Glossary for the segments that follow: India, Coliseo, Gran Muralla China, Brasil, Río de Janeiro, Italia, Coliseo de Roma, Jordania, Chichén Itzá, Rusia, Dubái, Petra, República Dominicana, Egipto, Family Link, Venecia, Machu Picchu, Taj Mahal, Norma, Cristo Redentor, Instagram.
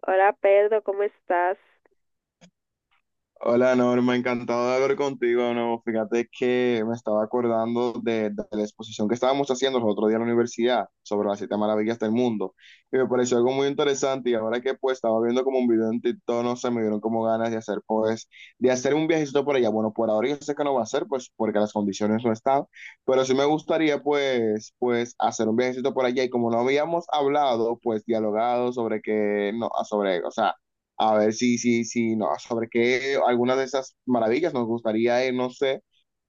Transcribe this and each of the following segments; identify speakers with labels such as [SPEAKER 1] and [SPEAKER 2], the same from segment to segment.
[SPEAKER 1] Hola Pedro, ¿cómo estás?
[SPEAKER 2] Hola Norma, encantado de hablar contigo de nuevo. Fíjate que me estaba acordando de la exposición que estábamos haciendo el otro día en la universidad sobre las siete maravillas del mundo, y me pareció algo muy interesante. Y ahora que pues estaba viendo como un video en TikTok, no sé, me dieron como ganas de hacer un viajecito por allá. Bueno, por ahora yo sé que no va a ser pues porque las condiciones no están, pero sí me gustaría pues hacer un viajecito por allá. Y como no habíamos hablado pues dialogado sobre que, no, sobre, o sea, a ver si nos sobre qué algunas de esas maravillas nos gustaría, no sé,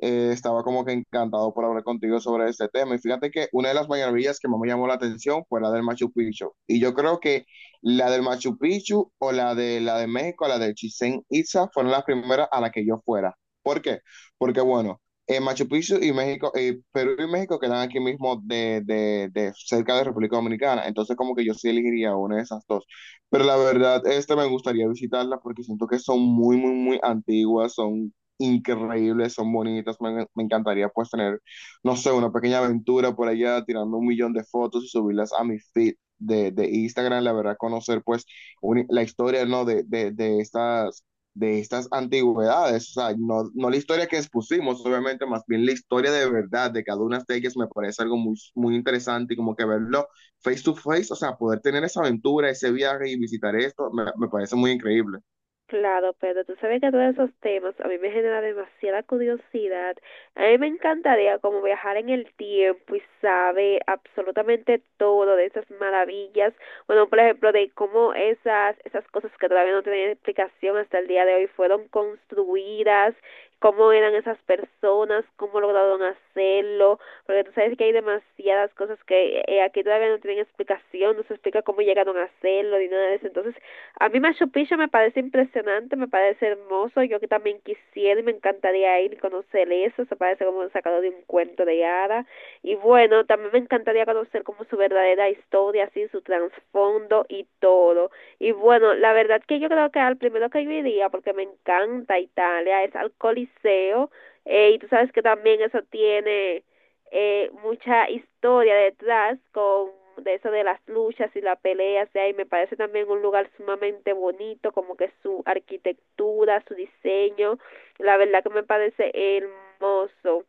[SPEAKER 2] estaba como que encantado por hablar contigo sobre este tema. Y fíjate que una de las maravillas que más me llamó la atención fue la del Machu Picchu. Y yo creo que la del Machu Picchu, o la de México, la de Chichén Itzá, fueron las primeras a las que yo fuera. ¿Por qué? Porque bueno, Machu Picchu y México, Perú y México quedan aquí mismo de cerca de República Dominicana. Entonces como que yo sí elegiría una de esas dos. Pero la verdad, este me gustaría visitarla porque siento que son muy, muy, muy antiguas, son increíbles, son bonitas. Me encantaría pues tener, no sé, una pequeña aventura por allá, tirando un millón de fotos y subirlas a mi feed de Instagram. La verdad, conocer pues la historia, ¿no? De estas antigüedades. O sea, no, no la historia que expusimos, obviamente, más bien la historia de verdad de cada una de ellas me parece algo muy, muy interesante, y como que verlo face to face, o sea, poder tener esa aventura, ese viaje y visitar esto, me parece muy increíble.
[SPEAKER 1] Claro, pero tú sabes que todos esos temas a mí me genera demasiada curiosidad. A mí me encantaría como viajar en el tiempo y saber absolutamente todo de esas maravillas. Bueno, por ejemplo, de cómo esas cosas que todavía no tienen explicación hasta el día de hoy fueron construidas, cómo eran esas personas, cómo lograron hacerlo. Porque tú sabes que hay demasiadas cosas que aquí todavía no tienen explicación, no se explica cómo llegaron a hacerlo ni nada de eso. Entonces, a mí Machu Picchu me parece impresionante, me parece hermoso. Yo que también quisiera y me encantaría ir y conocer eso. Se parece como sacado de un cuento de hadas. Y bueno, también me encantaría conocer como su verdadera historia, así su trasfondo y todo. Y bueno, la verdad que yo creo que al primero que yo iría, porque me encanta Italia, es al Coliseo. Y tú sabes que también eso tiene mucha historia detrás con de eso de las luchas y las peleas de ahí, me parece también un lugar sumamente bonito, como que su arquitectura, su diseño, la verdad que me parece hermoso.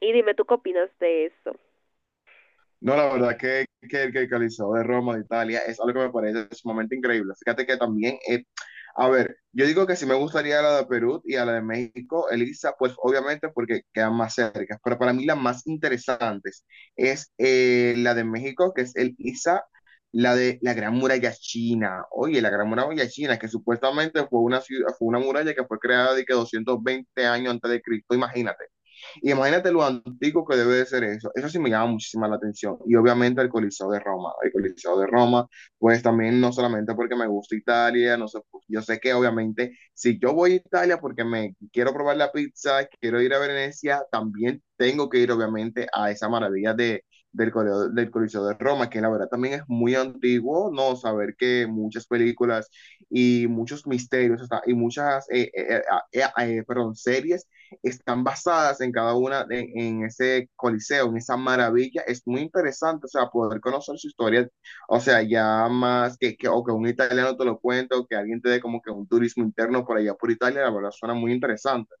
[SPEAKER 1] Y dime tú qué opinas de eso.
[SPEAKER 2] No, la verdad que el Coliseo de Roma, de Italia, es algo que me parece sumamente increíble. Fíjate que también, a ver, yo digo que sí me gustaría la de Perú y a la de México, Elisa, pues obviamente porque quedan más cerca, pero para mí las más interesantes es la de México, que es el ISA, la de la Gran Muralla China. Oye, la Gran Muralla China, que supuestamente fue una muralla que fue creada de que 220 años antes de Cristo, imagínate. Y imagínate lo antiguo que debe de ser eso. Eso sí me llama muchísima la atención. Y obviamente el Coliseo de Roma. El Coliseo de Roma, pues también, no solamente porque me gusta Italia, no sé, pues, yo sé que obviamente si yo voy a Italia porque me quiero probar la pizza, quiero ir a Venecia, también tengo que ir obviamente a esa maravilla del Coliseo de Roma, que la verdad también es muy antiguo, ¿no? Saber que muchas películas y muchos misterios, o sea, y muchas, eh, eh, perdón, series están basadas en cada una, ese coliseo, en esa maravilla. Es muy interesante, o sea, poder conocer su historia, o sea, ya más que un italiano te lo cuente, o que alguien te dé como que un turismo interno por allá por Italia. La verdad suena muy interesante.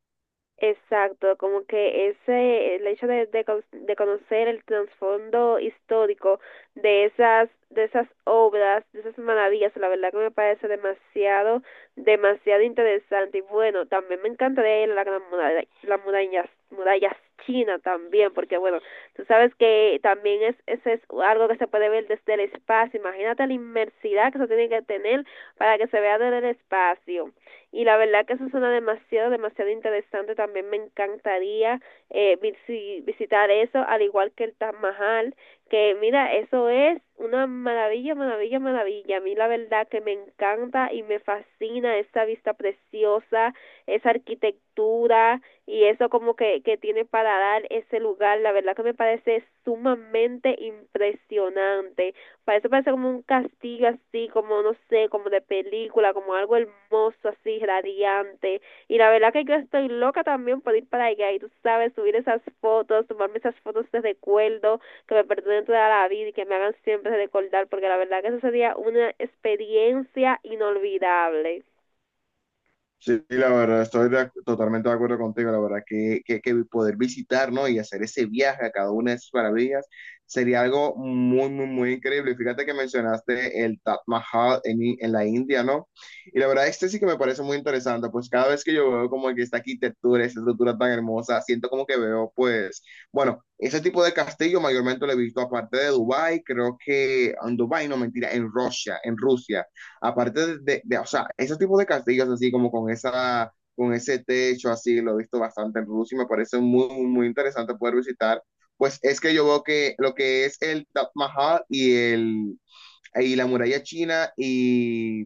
[SPEAKER 1] Exacto, como que ese, el hecho de, de conocer el trasfondo histórico de esas obras, de esas maravillas, la verdad que me parece demasiado, demasiado interesante. Y bueno, también me encantaría ir a la gran muralla, la muralla china también, porque bueno, tú sabes que también es, ese es algo que se puede ver desde el espacio. Imagínate la inmersidad que se tiene que tener para que se vea desde el espacio, y la verdad que eso suena demasiado, demasiado interesante. También me encantaría, visitar eso, al igual que el Taj Mahal, que mira, eso es una maravilla. A mí la verdad que me encanta y me fascina esa vista preciosa, esa arquitectura y eso como que tiene para dar ese lugar. La verdad que me parece sumamente impresionante. Parece como un castigo así, como no sé, como de película, como algo hermoso así, radiante. Y la verdad que yo estoy loca también por ir para allá y tú sabes, subir esas fotos, tomarme esas fotos de recuerdo que me pertenecen toda la vida y que me hagan siempre recordar, porque la verdad que eso sería una experiencia inolvidable.
[SPEAKER 2] Sí, sí, la verdad, estoy totalmente de acuerdo contigo. La verdad que poder visitar, ¿no? Y hacer ese viaje a cada una de esas maravillas sería algo muy, muy, muy increíble. Fíjate que mencionaste el Taj Mahal en la India, ¿no? Y la verdad, este sí que me parece muy interesante, pues cada vez que yo veo como que esta arquitectura, esta estructura tan hermosa, siento como que veo, pues, bueno, ese tipo de castillo mayormente lo he visto aparte de Dubái, creo que en Dubái, no, mentira, en Rusia, en Rusia. Aparte o sea, ese tipo de castillos así como con esa, con ese techo así, lo he visto bastante en Rusia y me parece muy, muy, muy interesante poder visitar. Pues es que yo veo que lo que es el Taj Mahal y la muralla china y,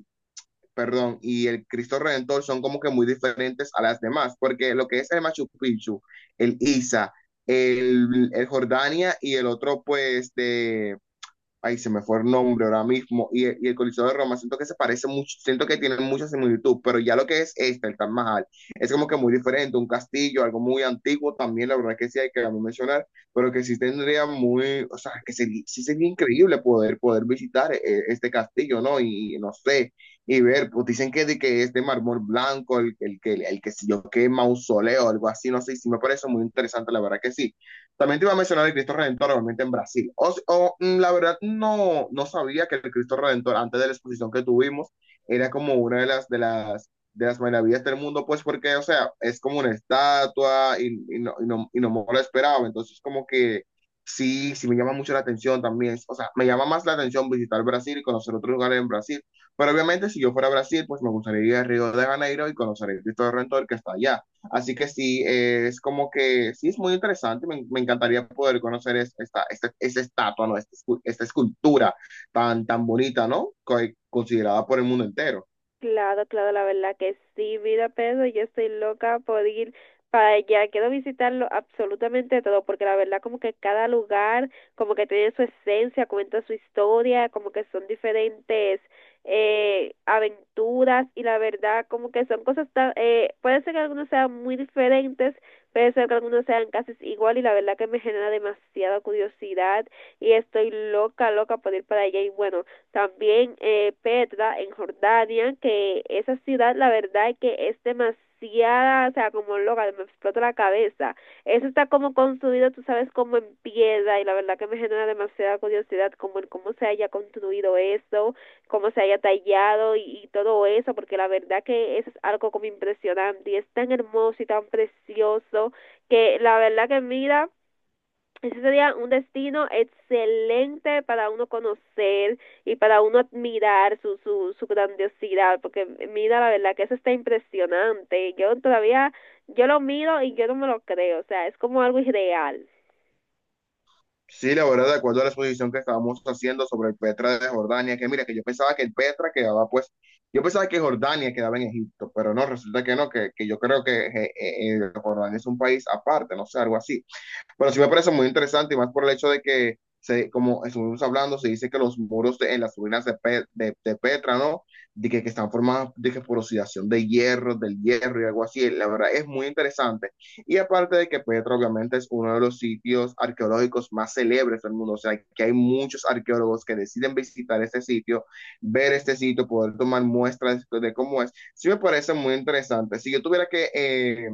[SPEAKER 2] perdón, y el Cristo Redentor son como que muy diferentes a las demás, porque lo que es el Machu Picchu, el Isa, el Jordania y el otro pues de, ahí se me fue el nombre ahora mismo, y el Coliseo de Roma, siento que se parece mucho, siento que tienen mucha similitud. Pero ya lo que es este, el Taj Mahal, es como que muy diferente, un castillo, algo muy antiguo también, la verdad que sí hay que mencionar, pero que sí tendría muy, o sea, que sería, sí sería increíble poder visitar este castillo, ¿no? Y, no sé, y ver, pues dicen que de que es de mármol blanco, que el que si yo que mausoleo, algo así, no sé. Y sí me parece muy interesante, la verdad que sí. También te iba a mencionar el Cristo Redentor, obviamente en Brasil. La verdad, no, no sabía que el Cristo Redentor, antes de la exposición que tuvimos, era como una de las, maravillas del mundo, pues porque, o sea, es como una estatua y no, y, no, y no me lo esperaba. Entonces, como que sí, sí me llama mucho la atención también. O sea, me llama más la atención visitar Brasil y conocer otros lugares en Brasil. Pero obviamente, si yo fuera a Brasil, pues me gustaría ir a Río de Janeiro y conocer el Cristo Redentor que está allá. Así que sí, es como que sí, es muy interesante. Me encantaría poder conocer esta estatua, ¿no? Esta escultura tan, tan bonita, ¿no? Considerada por el mundo entero.
[SPEAKER 1] Claro, claro, la verdad que sí, vida Pedro, yo estoy loca por ir para allá. Quiero visitarlo absolutamente todo, porque la verdad como que cada lugar como que tiene su esencia, cuenta su historia, como que son diferentes aventuras, y la verdad como que son cosas tan, puede ser que algunos sean muy diferentes, puede ser que algunos sean casi igual, y la verdad que me genera demasiada curiosidad y estoy loca, loca por ir para allá. Y bueno, también Petra en Jordania, que esa ciudad la verdad es que es demasiada, o sea, como loca, me explota la cabeza. Eso está como construido, tú sabes, como en piedra, y la verdad que me genera demasiada curiosidad como en cómo se haya construido eso, cómo se haya tallado y todo eso, porque la verdad que eso es algo como impresionante y es tan hermoso y tan precioso que la verdad que mira, ese sería un destino excelente para uno conocer y para uno admirar su grandiosidad, porque mira, la verdad que eso está impresionante. Yo todavía, yo lo miro y yo no me lo creo, o sea, es como algo irreal.
[SPEAKER 2] Sí, la verdad, de acuerdo a la exposición que estábamos haciendo sobre el Petra de Jordania, que mira, que yo pensaba que el Petra quedaba, pues, yo pensaba que Jordania quedaba en Egipto, pero no, resulta que no, que yo creo que Jordania es un país aparte, no sé, algo así. Bueno, sí me parece muy interesante, y más por el hecho de que, se, como estuvimos hablando, se dice que los muros en las ruinas de Petra, ¿no? De que están formados de que por oxidación de hierro, del hierro y algo así. La verdad es muy interesante. Y aparte de que Petra obviamente es uno de los sitios arqueológicos más célebres del mundo, o sea, que hay muchos arqueólogos que deciden visitar este sitio, ver este sitio, poder tomar muestras de cómo es. Sí me parece muy interesante. Si yo tuviera que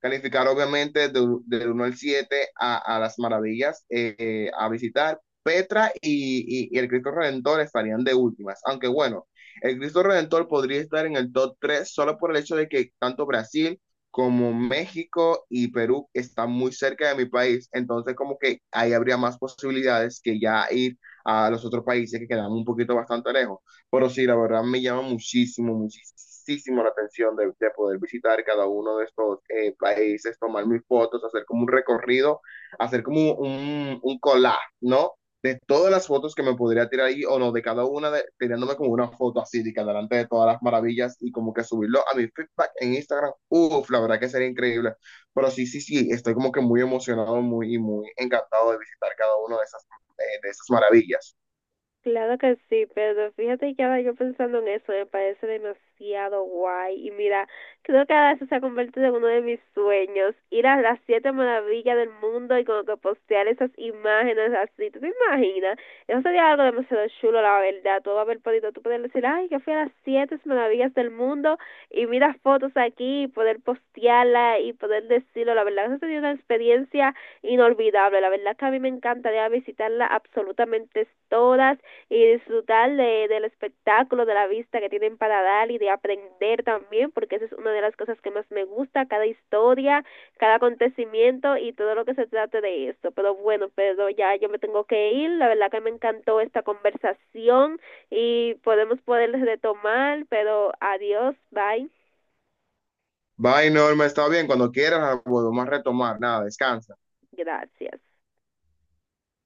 [SPEAKER 2] calificar obviamente del uno al 7 a las maravillas a visitar. Petra y, y el Cristo Redentor estarían de últimas, aunque bueno, el Cristo Redentor podría estar en el top tres, solo por el hecho de que tanto Brasil como México y Perú están muy cerca de mi país, entonces como que ahí habría más posibilidades que ya ir a los otros países que quedan un poquito bastante lejos. Pero sí, la verdad, me llama muchísimo, muchísimo la atención de poder visitar cada uno de estos países, tomar mis fotos, hacer como un recorrido, hacer como un collage, ¿no? De todas las fotos que me podría tirar ahí o no, de cada una, tirándome como una foto así, de que delante de todas las maravillas y como que subirlo a mi feedback en Instagram. Uf, la verdad que sería increíble. Pero sí, sí, sí, estoy como que muy emocionado, y muy encantado de visitar cada una de esas maravillas.
[SPEAKER 1] Claro que sí, pero fíjate que ahora yo pensando en eso me parece demasiado guay. Y mira, creo que ahora eso se ha convertido en uno de mis sueños, ir a las siete maravillas del mundo y como que postear esas imágenes así. ¿Tú te imaginas? Eso sería algo demasiado chulo, la verdad. Tú vas a ver podito, tú puedes decir, ay, que fui a las siete maravillas del mundo y mira fotos aquí y poder postearla y poder decirlo. La verdad, eso sería una experiencia inolvidable. La verdad que a mí me encantaría visitarla absolutamente todas y disfrutar de, del espectáculo, de la vista que tienen para dar y de aprender también, porque esa es una de las cosas que más me gusta, cada historia, cada acontecimiento y todo lo que se trate de esto. Pero bueno, pero ya yo me tengo que ir, la verdad que me encantó esta conversación y podemos poder retomar, pero adiós, bye,
[SPEAKER 2] Bye, Norma, está bien. Cuando quieras, volvemos a retomar. Nada, descansa.
[SPEAKER 1] gracias.